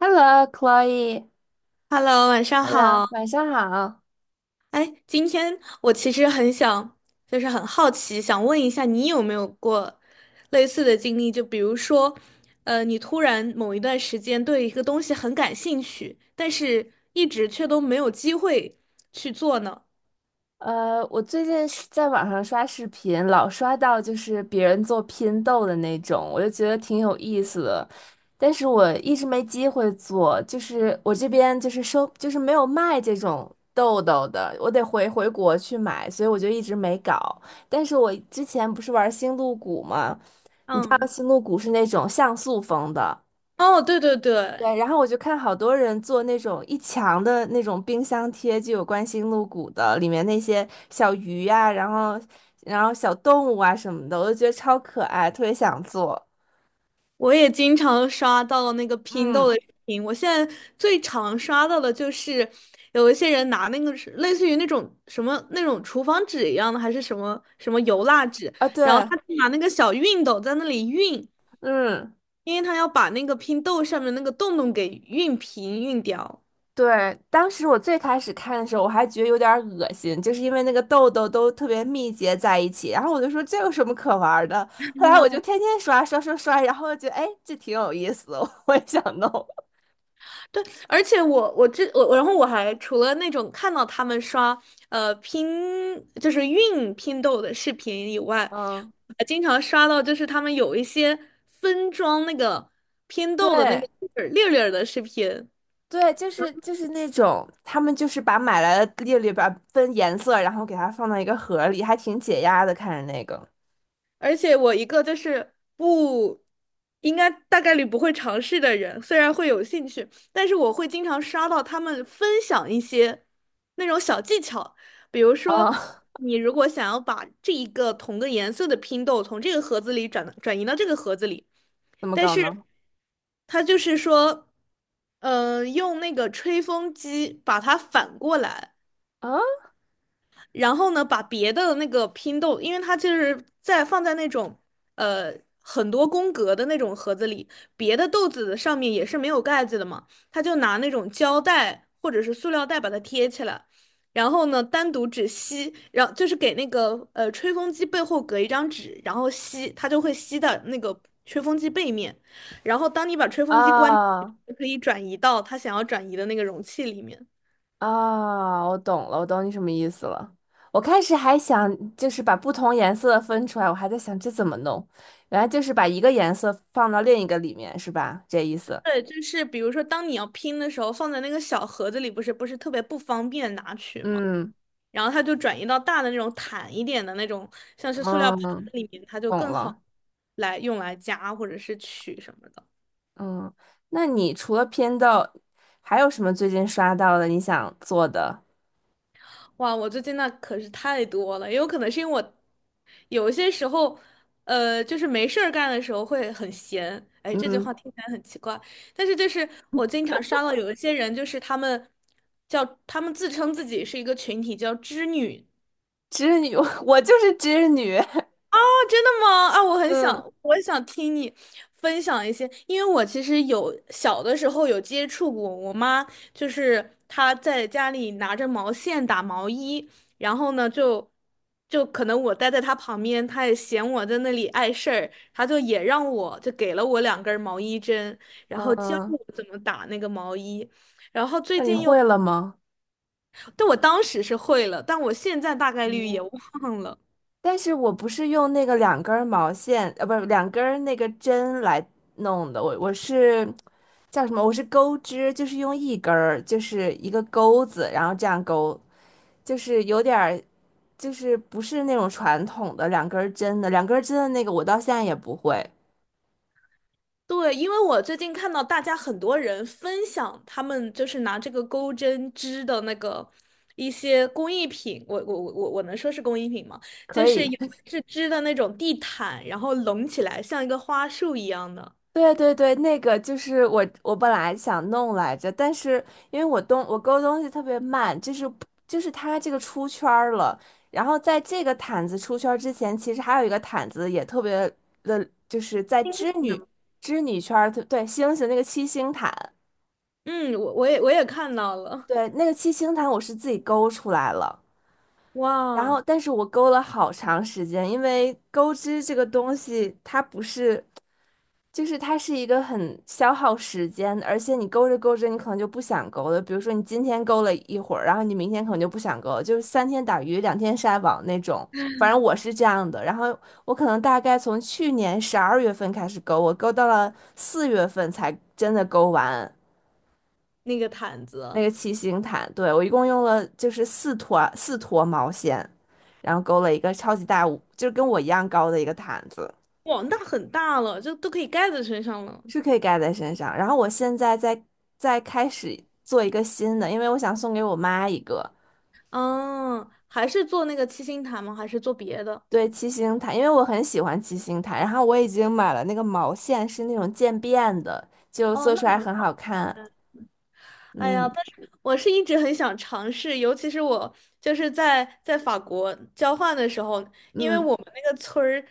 Hello，Chloe，Hello，Hello，晚上好。晚上好。哎，今天我其实很想，就是很好奇，想问一下你有没有过类似的经历？就比如说，你突然某一段时间对一个东西很感兴趣，但是一直却都没有机会去做呢？我最近是在网上刷视频，老刷到就是别人做拼豆的那种，我就觉得挺有意思的，但是我一直没机会做，就是我这边就是收，就是没有卖这种豆豆的，我得回回国去买，所以我就一直没搞。但是我之前不是玩星露谷吗？知道嗯，星露谷是那种像素风的。哦，对对对，对，然后我就看好多人做那种一墙的那种冰箱贴，就有关心露骨的，里面那些小鱼呀、然后小动物啊什么的，我就觉得超可爱，特别想做。我也经常刷到那个拼豆嗯。的视频，我现在最常刷到的就是有一些人拿那个是类似于那种什么那种厨房纸一样的，还是什么什么油蜡纸，啊对。然后他拿那个小熨斗在那里熨，嗯因为他要把那个拼豆上面那个洞洞给熨平熨掉。对，当时我最开始看的时候，我还觉得有点儿恶心，就是因为那个痘痘都特别密结在一起，然后我就说这有什么可玩儿的？后来我就天 天刷刷刷刷，然后就觉得哎，这挺有意思的，我也想弄。对，而且我，然后我还除了那种看到他们刷呃拼就是运拼豆的视频以外，嗯。我还经常刷到就是他们有一些分装那个拼豆的那个对。粒儿粒儿的视频。对，就是那种，他们就是把买来的列里边分颜色，然后给它放到一个盒里，还挺解压的。看着那个而且我一个就是不应该大概率不会尝试的人，虽然会有兴趣，但是我会经常刷到他们分享一些那种小技巧，比如说啊，你如果想要把这一个同个颜色的拼豆从这个盒子里转移到这个盒子里，怎么但搞是呢？他就是说，嗯、用那个吹风机把它反过来。啊然后呢，把别的那个拼豆，因为它就是放在那种呃很多宫格的那种盒子里，别的豆子的上面也是没有盖子的嘛，他就拿那种胶带或者是塑料袋把它贴起来，然后呢单独只吸，然后就是给那个吹风机背后隔一张纸，然后吸，它就会吸到那个吹风机背面，然后当你把吹风机关，啊就可以转移到它想要转移的那个容器里面。啊！我懂了，我懂你什么意思了。我开始还想就是把不同颜色分出来，我还在想这怎么弄，原来就是把一个颜色放到另一个里面，是吧？这意思。对，就是比如说，当你要拼的时候，放在那个小盒子里，不是特别不方便拿取嘛，嗯然后它就转移到大的那种坦一点的那种，像是塑料盘嗯，子嗯，里面，它就懂更好了。来用来夹或者是取什么的。嗯，那你除了偏导，还有什么最近刷到的你想做的？哇，我最近那可是太多了，也有可能是因为我有一些时候，就是没事儿干的时候会很闲。哎，这句嗯，话听起来很奇怪，但是就是我经常刷到有一些人，就是他们自称自己是一个群体，叫织女。织女，我就是织女。真的吗？啊，嗯我想听你分享一些，因为我其实有小的时候有接触过，我妈就是她在家里拿着毛线打毛衣，然后呢就可能我待在她旁边，她也嫌我在那里碍事儿，她就也让我就给了我两根儿毛衣针，然后教嗯，我 怎么打那个毛衣，然后最那你近又，会了吗？但我当时是会了，但我现在大概率也嗯，忘了。但是我不是用那个两根儿毛线，不是两根儿那个针来弄的，我是叫什么？我是钩织，就是用一根儿，就是一个钩子，然后这样钩，就是有点儿就是不是那种传统的两根儿针的，两根儿针的那个我到现在也不会。对，因为我最近看到大家很多人分享他们就是拿这个钩针织的那个一些工艺品，我能说是工艺品吗？就可是以，有的是织的那种地毯，然后拢起来像一个花束一样的。对对对，那个就是我，我本来想弄来着，但是因为我勾东西特别慢，就是它这个出圈儿了，然后在这个毯子出圈儿之前，其实还有一个毯子也特别的，就是在织真的女吗？圈儿，对，星星那个七星毯，嗯，我也看到了。对，那个七星毯我是自己勾出来了。然后，哇，但是我勾了好长时间，因为钩织这个东西，它不是就是它是一个很消耗时间，而且你勾着勾着，你可能就不想勾了。比如说你今天勾了一会儿，然后你明天可能就不想勾了，就是三天打鱼两天晒网那种。反正我是这样的，然后我可能大概从去年12月份开始勾，我勾到了4月份才真的勾完那个毯那子。个七星毯。对，我一共用了就是四坨毛线，然后勾了一个超级大，就是跟我一样高的一个毯子。哇，那很大了，就都可以盖在身上了。是可以盖在身上。然后我现在在开始做一个新的，因为我想送给我妈一个，嗯，还是做那个七星毯吗？还是做别的？对，七星毯，因为我很喜欢七星毯。然后我已经买了那个毛线，是那种渐变的，就哦，做出来那。很好看。哎呀，嗯但是我是一直很想尝试，尤其是我就是在法国交换的时候，因为嗯我们那个村儿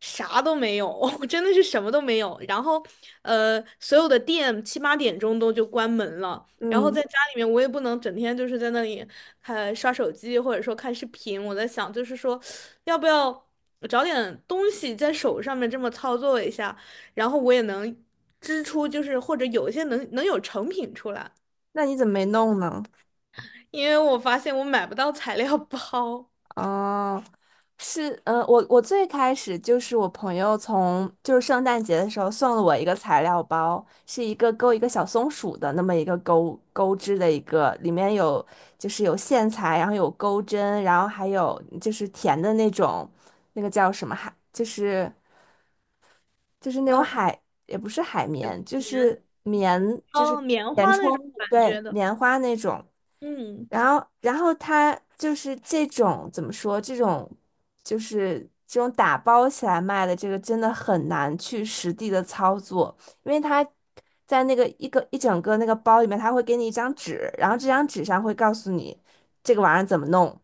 啥都没有，真的是什么都没有。然后，所有的店七八点钟都就关门了。然后在嗯，家里面，我也不能整天就是在那里刷手机，或者说看视频。我在想，就是说，要不要找点东西在手上面这么操作一下，然后我也能织出，就是或者有一些能有成品出来。那你怎么没弄呢？因为我发现我买不到材料包。哦。是，我最开始就是我朋友从就是圣诞节的时候送了我一个材料包，是一个钩一个小松鼠的那么一个钩织的一个，里面就是有线材，然后有钩针，然后还有就是甜的那种，那个叫什么海，就是那种嗯，海也不是海绵，就棉，是棉，就是哦，棉填花充那种物，感对，觉的，棉花那种。嗯，然后他就是这种怎么说？就是这种打包起来卖的，这个真的很难去实地的操作，因为他在那个一整个那个包里面，他会给你一张纸，然后这张纸上会告诉你这个玩意儿怎么弄。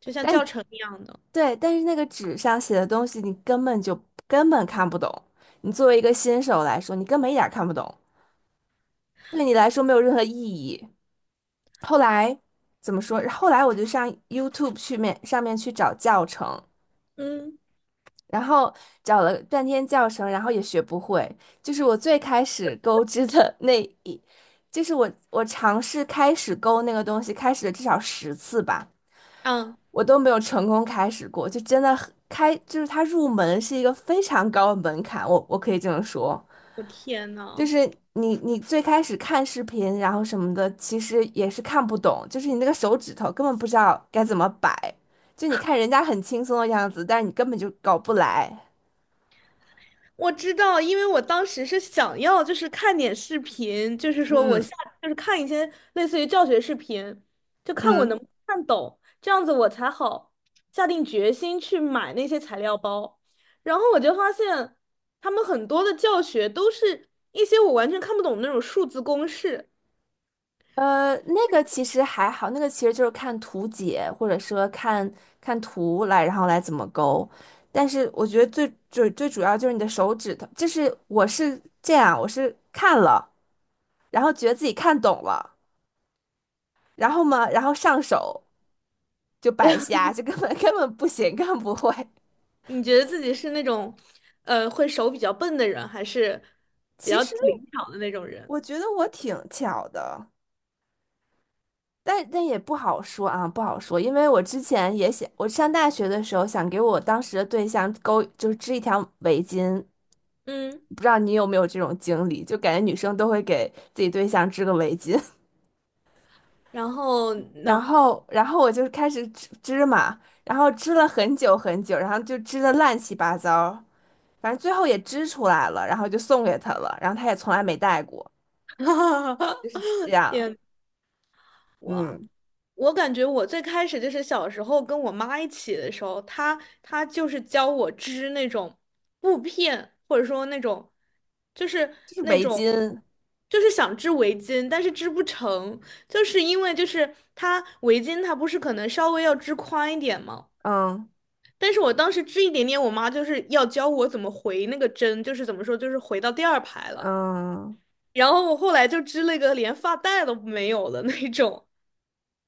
就像但教程一样的，对，但是那个纸上写的东西，你根本就根本看不懂。你作为一个新手来说，你根本一点儿看不懂，对你来说没有任何意义。后来怎么说？后来我就上 YouTube 去面上面去找教程，嗯，然后找了半天教程，然后也学不会。就是我最开始钩织的 那一，就是我尝试开始钩那个东西，开始了至少10次吧，啊，我都没有成功开始过。就真的很开，就是它入门是一个非常高的门槛，我可以这么说。我天就呐。是你最开始看视频，然后什么的，其实也是看不懂，就是你那个手指头根本不知道该怎么摆，就你看人家很轻松的样子，但是你根本就搞不来。我知道，因为我当时是想要就是看点视频，就是说我嗯下就是看一些类似于教学视频，就看我嗯，能不能看懂，这样子我才好下定决心去买那些材料包。然后我就发现，他们很多的教学都是一些我完全看不懂的那种数字公式。那个其实还好，那个其实就是看图解，或者说看看图来，然后来怎么勾。但是我觉得最最最主要就是你的手指头，就是我是这样，我是看了，然后觉得自己看懂了，然后嘛，然后上手。就白瞎，就根本 根本不行，根本不会。你觉得自己是那种，会手比较笨的人，还是比其较实灵巧的那种人？我觉得我挺巧的，但也不好说啊，不好说，因为我之前也想，我上大学的时候想给我当时的对象勾，就是织一条围巾，嗯，不知道你有没有这种经历，就感觉女生都会给自己对象织个围巾。然后呢？然后我就开始织织嘛，然后织了很久很久，然后就织的乱七八糟，反正最后也织出来了，然后就送给他了，然后他也从来没戴过，就是这 样。也我嗯。我感觉我最开始就是小时候跟我妈一起的时候，她就是教我织那种布片，或者说那种就是就是那围种巾。就是想织围巾，但是织不成，就是因为就是它围巾它不是可能稍微要织宽一点吗？嗯但是我当时织一点点，我妈就是要教我怎么回那个针，就是怎么说，就是回到第二排了。嗯，然后我后来就织了一个连发带都没有的那种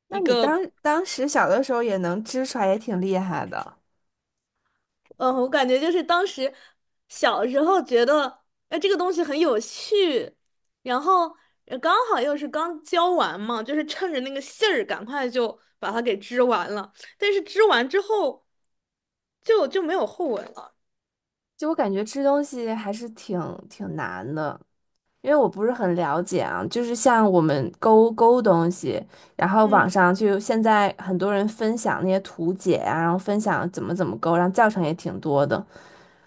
那一你个。当时小的时候也能织出来，也挺厉害的，嗯，我感觉就是当时小时候觉得，哎，这个东西很有趣，然后刚好又是刚教完嘛，就是趁着那个信儿，赶快就把它给织完了。但是织完之后没有后文了。就我感觉织东西还是挺难的。因为我不是很了解啊，就是像我们勾勾东西，然后网嗯。上就现在很多人分享那些图解啊，然后分享怎么勾，然后教程也挺多的。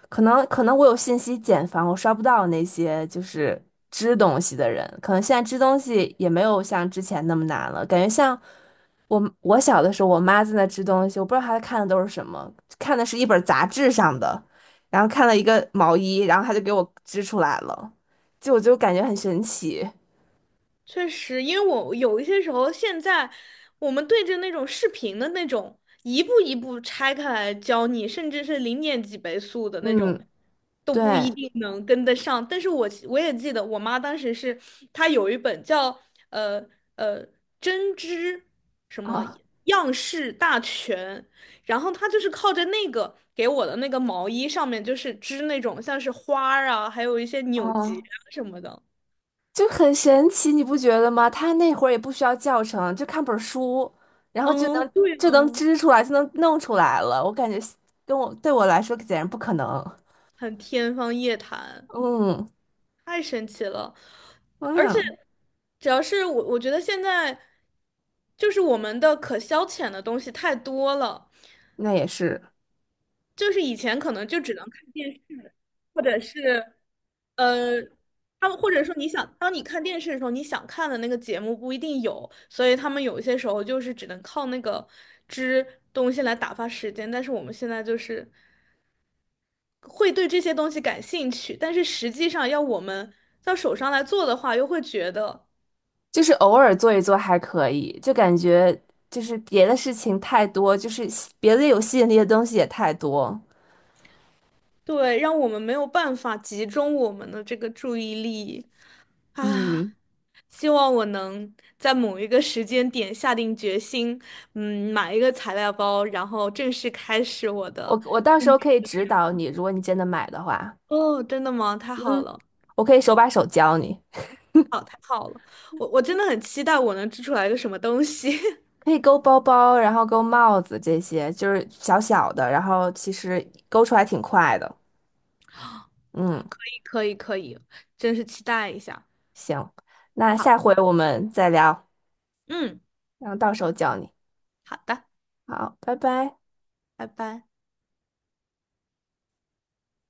可能我有信息茧房，我刷不到那些就是织东西的人，可能现在织东西也没有像之前那么难了，感觉像我小的时候，我妈在那织东西，我不知道她看的都是什么，看的是一本杂志上的，然后看了一个毛衣，然后她就给我织出来了，就我就感觉很神奇。确实，因为我有一些时候，现在我们对着那种视频的那种，一步一步拆开来教你，甚至是零点几倍速的那种，嗯。都不一对。定能跟得上。但是我也记得，我妈当时是她有一本叫呃呃针织什么啊。样式大全，然后她就是靠着那个给我的那个毛衣上面，就是织那种像是花儿啊，还有一些扭结哦。啊什么的。就很神奇，你不觉得吗？他那会儿也不需要教程，就看本儿书，然后就嗯，能对就能啊。织出来，就能弄出来了。我感觉对我来说简直不可能。很天方夜谭，嗯。太神奇了。哎而且，呀，主要是我觉得现在就是我们的可消遣的东西太多了，那也是，就是以前可能就只能看电视，或者是呃，他们或者说你想，当你看电视的时候，你想看的那个节目不一定有，所以他们有一些时候就是只能靠那个支东西来打发时间，但是我们现在就是，会对这些东西感兴趣，但是实际上要我们到手上来做的话，又会觉得，就是偶尔做一做还可以，就感觉就是别的事情太多，就是别的有吸引力的东西也太多。对，让我们没有办法集中我们的这个注意力啊。嗯，希望我能在某一个时间点下定决心，嗯，买一个材料包，然后正式开始我我的。我到时候可以指导你，如果你真的买的话，哦，真的吗？太好嗯，了。我可以手把手教你。好，太好了，我真的很期待我能织出来一个什么东西。可以勾包包，然后勾帽子这些，就是小小的，然后其实勾出来挺快的。嗯，可以，可以，可以，真是期待一下。行，那好，下回我们再聊，嗯，然后到时候教你。好的。好，拜拜。拜拜。